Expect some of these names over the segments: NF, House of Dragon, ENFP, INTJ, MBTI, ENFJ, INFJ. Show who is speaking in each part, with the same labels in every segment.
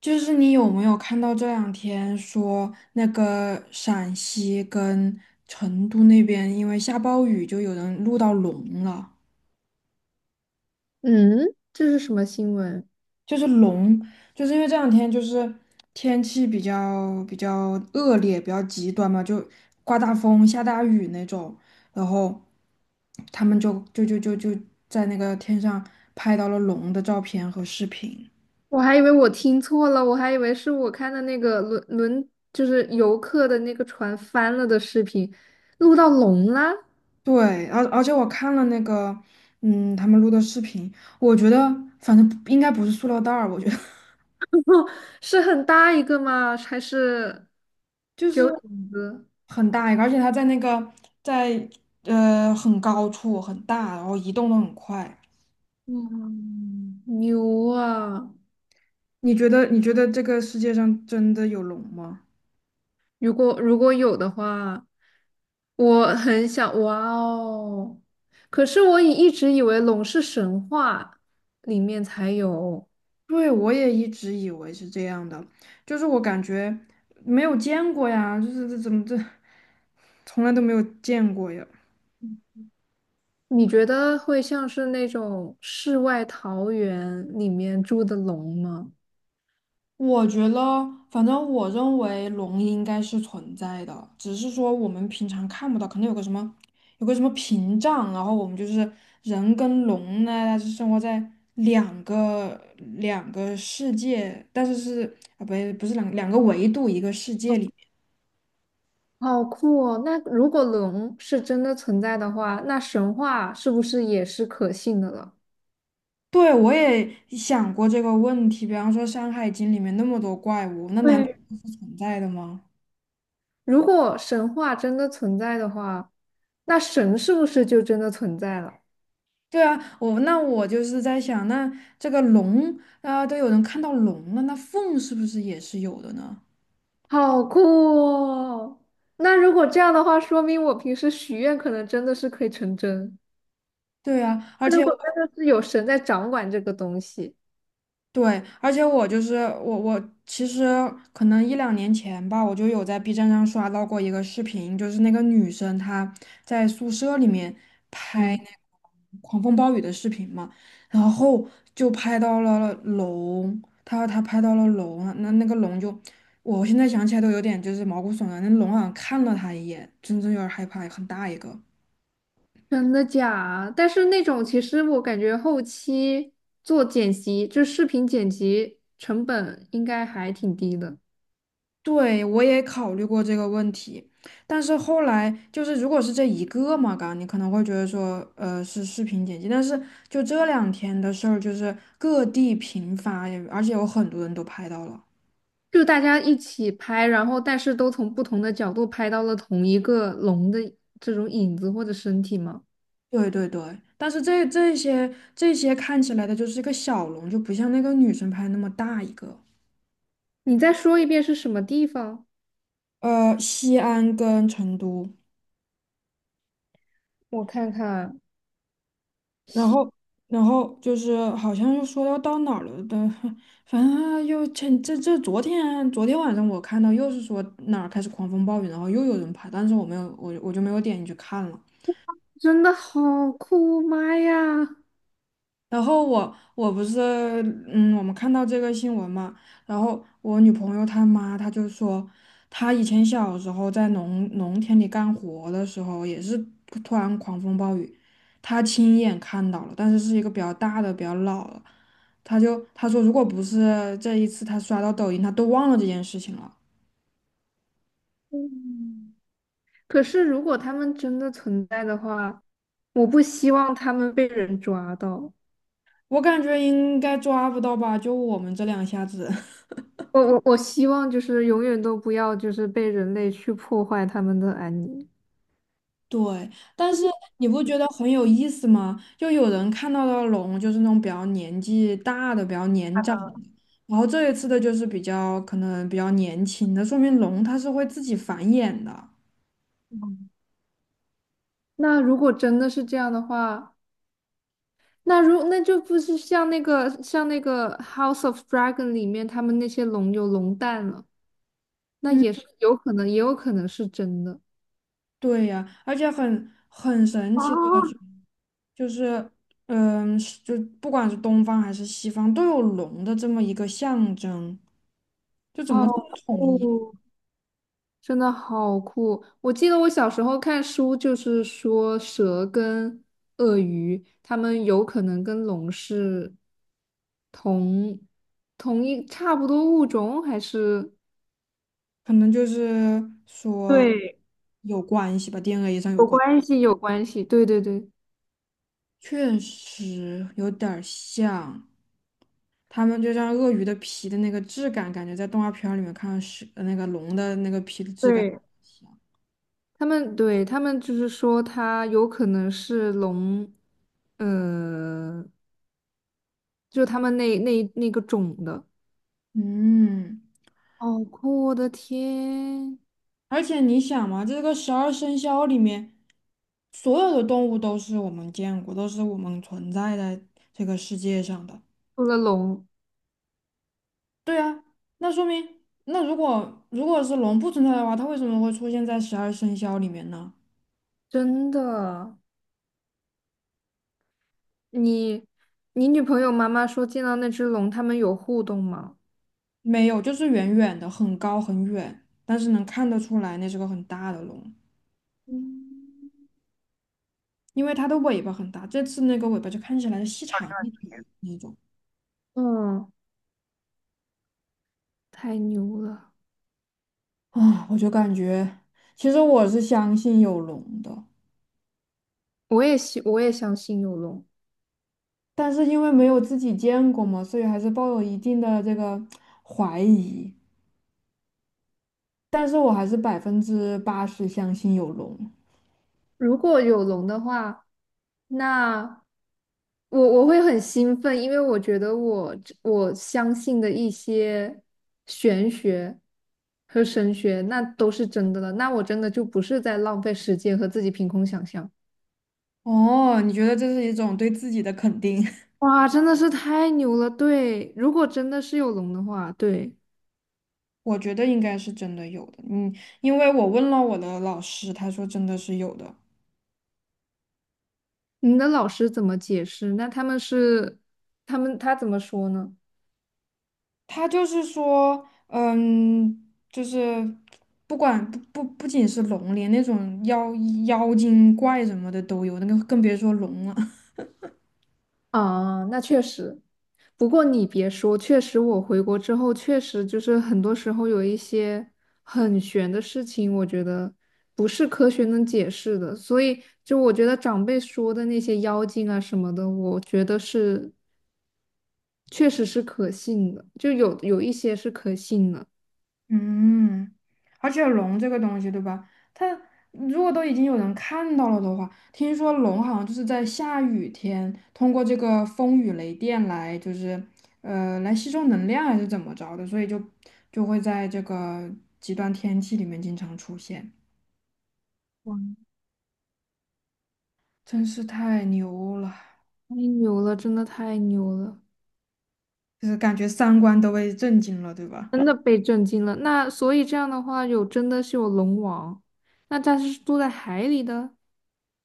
Speaker 1: 就是你有没有看到这两天说那个陕西跟成都那边因为下暴雨，就有人录到龙了，
Speaker 2: 嗯，这是什么新闻？
Speaker 1: 就是龙。就是因为这两天就是天气比较恶劣，比较极端嘛，就刮大风、下大雨那种，然后他们就在那个天上拍到了龙的照片和视频。
Speaker 2: 我还以为我听错了，我还以为是我看的那个轮，就是游客的那个船翻了的视频，录到龙啦，
Speaker 1: 对，而且我看了那个，嗯，他们录的视频，我觉得反正应该不是塑料袋儿，我觉得
Speaker 2: 哦，是很大一个吗？还是
Speaker 1: 就
Speaker 2: 只
Speaker 1: 是
Speaker 2: 有影子？
Speaker 1: 很大一个，而且它在那个在很高处很大，然后移动的很快。
Speaker 2: 嗯，牛啊！
Speaker 1: 你觉得这个世界上真的有龙吗？
Speaker 2: 如果有的话，我很想，哇哦！可是我一直以为龙是神话里面才有。
Speaker 1: 对，我也一直以为是这样的，就是我感觉没有见过呀，就是这怎么这从来都没有见过呀。
Speaker 2: 你觉得会像是那种世外桃源里面住的龙吗？
Speaker 1: 我觉得，反正我认为龙应该是存在的，只是说我们平常看不到，可能有个什么，有个什么屏障，然后我们就是人跟龙呢，它是生活在两个两个世界，但是是啊，不是两个维度一个世界里。
Speaker 2: 好酷哦！那如果龙是真的存在的话，那神话是不是也是可信的了？
Speaker 1: 对，我也想过这个问题，比方说《山海经》里面那么多怪物，那难道
Speaker 2: 对，
Speaker 1: 是存在的吗？
Speaker 2: 如果神话真的存在的话，那神是不是就真的存在了？
Speaker 1: 对啊，我那我就是在想，那这个龙啊、都有人看到龙了，那凤是不是也是有的呢？
Speaker 2: 好酷哦！那如果这样的话，说明我平时许愿可能真的是可以成真。
Speaker 1: 对啊，而
Speaker 2: 那
Speaker 1: 且
Speaker 2: 如果真的是有神在掌管这个东西。
Speaker 1: 对，而且我就是我其实可能一两年前吧，我就有在 B 站上刷到过一个视频，就是那个女生她在宿舍里面拍那
Speaker 2: 嗯。
Speaker 1: 个狂风暴雨的视频嘛，然后就拍到了龙，她拍到了龙啊，那那个龙就，我现在想起来都有点就是毛骨悚然，那龙好像看了她一眼，真正有点害怕，很大一个。
Speaker 2: 真的假？但是那种其实我感觉后期做剪辑，就视频剪辑成本应该还挺低的，
Speaker 1: 对，我也考虑过这个问题，但是后来就是，如果是这一个嘛，刚你可能会觉得说，是视频剪辑，但是就这两天的事儿，就是各地频发，也而且有很多人都拍到了。
Speaker 2: 就大家一起拍，然后但是都从不同的角度拍到了同一个龙的这种影子或者身体吗？
Speaker 1: 对对对，但是这些看起来的就是一个小龙，就不像那个女生拍那么大一个。
Speaker 2: 你再说一遍是什么地方？
Speaker 1: 呃，西安跟成都。
Speaker 2: 我看看，
Speaker 1: 然后，然后就是好像又说要到哪儿了的，反正又前这这昨天晚上我看到又是说哪儿开始狂风暴雨，然后又有人拍，但是我没有我就没有点进去看了。
Speaker 2: 真的好酷，妈呀！
Speaker 1: 然后我不是嗯，我们看到这个新闻嘛，然后我女朋友她妈她就说，她以前小时候在农田里干活的时候，也是突然狂风暴雨，她亲眼看到了，但是是一个比较大的、比较老了，她说，如果不是这一次她刷到抖音，她都忘了这件事情了。
Speaker 2: 嗯，可是如果他们真的存在的话，我不希望他们被人抓到。
Speaker 1: 我感觉应该抓不到吧，就我们这两下子。
Speaker 2: 我希望就是永远都不要就是被人类去破坏他们的安宁。
Speaker 1: 对，但是你不觉得很有意思吗？就有人看到的龙就是那种比较年纪大的、比较年长的，然后这一次的就是比较可能比较年轻的，说明龙它是会自己繁衍的。
Speaker 2: 嗯，那如果真的是这样的话，那就不是像那个《House of Dragon》里面他们那些龙有龙蛋了，那
Speaker 1: 嗯，
Speaker 2: 也是有可能，也有可能是真的。
Speaker 1: 对呀，而且很神奇的一句，
Speaker 2: 啊，
Speaker 1: 就是嗯，是就不管是东方还是西方，都有龙的这么一个象征，就怎
Speaker 2: 好
Speaker 1: 么这么统一？
Speaker 2: 酷，真的好酷！我记得我小时候看书，就是说蛇跟鳄鱼，它们有可能跟龙是同同一差不多物种，还是
Speaker 1: 可能就是说
Speaker 2: 对
Speaker 1: 有关系吧，DNA 上有
Speaker 2: 有
Speaker 1: 关。
Speaker 2: 关系？有关系，对对对，
Speaker 1: 确实有点儿像，他们就像鳄鱼的皮的那个质感，感觉在动画片儿里面看到是那个龙的那个皮的质感
Speaker 2: 对，
Speaker 1: 像。
Speaker 2: 他们对他们就是说它有可能是龙，呃，就他们那个种的，
Speaker 1: 嗯，
Speaker 2: 好酷！我的天，
Speaker 1: 而且你想嘛，这个十二生肖里面，所有的动物都是我们见过，都是我们存在在这个世界上的。
Speaker 2: 除了龙，
Speaker 1: 对啊，那说明，那如果是龙不存在的话，它为什么会出现在十二生肖里面呢？
Speaker 2: 真的。你你女朋友妈妈说见到那只龙，他们有互动吗？
Speaker 1: 没有，就是远远的，很高很远，但是能看得出来那是个很大的龙，
Speaker 2: 嗯，
Speaker 1: 因为它的尾巴很大。这次那个尾巴就看起来细长一点那种
Speaker 2: 嗯，太牛了！
Speaker 1: 啊，我就感觉，其实我是相信有龙的，
Speaker 2: 我也信，我也相信有龙。
Speaker 1: 但是因为没有自己见过嘛，所以还是抱有一定的这个怀疑。但是我还是百分之八十相信有龙。
Speaker 2: 如果有龙的话，那我会很兴奋，因为我觉得我相信的一些玄学和神学，那都是真的了。那我真的就不是在浪费时间和自己凭空想象。
Speaker 1: 哦，你觉得这是一种对自己的肯定？
Speaker 2: 哇，真的是太牛了！对，如果真的是有龙的话，对。
Speaker 1: 我觉得应该是真的有的，嗯，因为我问了我的老师，他说真的是有的。
Speaker 2: 你的老师怎么解释？那他们是，他怎么说呢？
Speaker 1: 他就是说，嗯，就是不管不不不仅是龙，连那种妖精怪什么的都有，那个更别说龙了。
Speaker 2: 啊，那确实。不过你别说，确实我回国之后，确实就是很多时候有一些很玄的事情，我觉得不是科学能解释的。所以就我觉得长辈说的那些妖精啊什么的，我觉得是确实是可信的，就有一些是可信的。
Speaker 1: 嗯，而且龙这个东西，对吧？它如果都已经有人看到了的话，听说龙好像就是在下雨天，通过这个风雨雷电来，就是来吸收能量还是怎么着的，所以就就会在这个极端天气里面经常出现，
Speaker 2: 哇，
Speaker 1: 真是太牛了，
Speaker 2: 太牛了，真的太牛了。
Speaker 1: 就是感觉三观都被震惊了，对吧？
Speaker 2: 真的被震惊了。那所以这样的话，真的是有龙王，那它是住在海里的。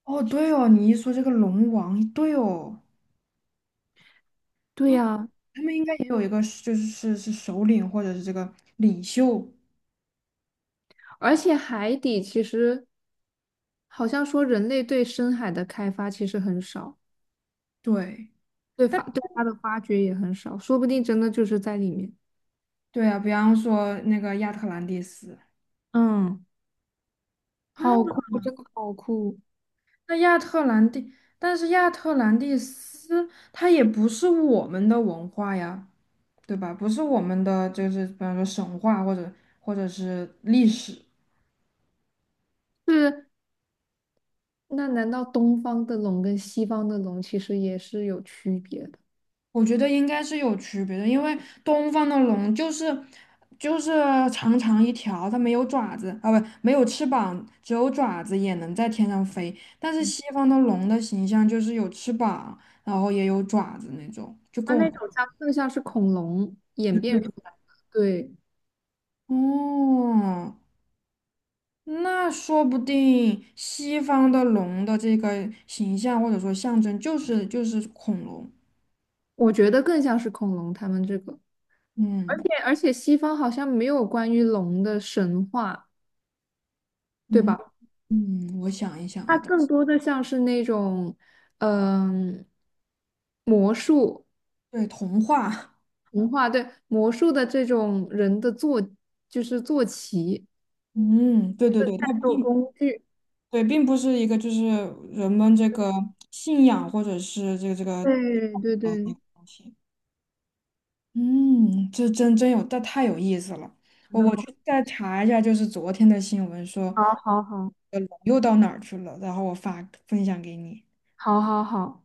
Speaker 1: 哦，对哦，你一说这个龙王，对哦，
Speaker 2: 对
Speaker 1: 嗯，
Speaker 2: 呀，
Speaker 1: 他们应该也有一个是就是首领或者是这个领袖。
Speaker 2: 而且海底其实好像说人类对深海的开发其实很少，
Speaker 1: 对
Speaker 2: 对它的发掘也很少，说不定真的就是在里面。
Speaker 1: 对啊，比方说那个亚特兰蒂斯
Speaker 2: 嗯，
Speaker 1: 啊，
Speaker 2: 好酷，真的好酷。
Speaker 1: 那亚特兰蒂，但是亚特兰蒂斯它也不是我们的文化呀，对吧？不是我们的，就是比方说神话或者或者是历史。
Speaker 2: 是，那难道东方的龙跟西方的龙其实也是有区别的？
Speaker 1: 我觉得应该是有区别的，因为东方的龙就是长长一条，它没有爪子啊，不，没有翅膀，只有爪子也能在天上飞。但是西方的龙的形象就是有翅膀，然后也有爪子那种，就跟
Speaker 2: 它那
Speaker 1: 我
Speaker 2: 种更像是恐龙演变出
Speaker 1: 们
Speaker 2: 来的，对。
Speaker 1: 哦，那说不定西方的龙的这个形象或者说象征就是恐龙。
Speaker 2: 我觉得更像是恐龙他们这个，而
Speaker 1: 嗯
Speaker 2: 且而且西方好像没有关于龙的神话，对
Speaker 1: 嗯
Speaker 2: 吧？
Speaker 1: 嗯，我想一想
Speaker 2: 它
Speaker 1: 啊，
Speaker 2: 更多的像是那种，嗯、魔术
Speaker 1: 对，童话。
Speaker 2: 文化，对，魔术的这种人的坐，就是坐骑，
Speaker 1: 嗯，对对对，它
Speaker 2: 战斗
Speaker 1: 并
Speaker 2: 工具，
Speaker 1: 对，并不是一个就是人们这个信仰或者是这个
Speaker 2: 对对
Speaker 1: 呃
Speaker 2: 对，
Speaker 1: 东西。嗯，这真有，这太有意思了。
Speaker 2: 真
Speaker 1: 我
Speaker 2: 的
Speaker 1: 我
Speaker 2: 好，
Speaker 1: 去再查一下，就是昨天的新闻说，
Speaker 2: 好，好，好，
Speaker 1: 呃，龙又到哪儿去了，然后我发分享给你。
Speaker 2: 好，好，好。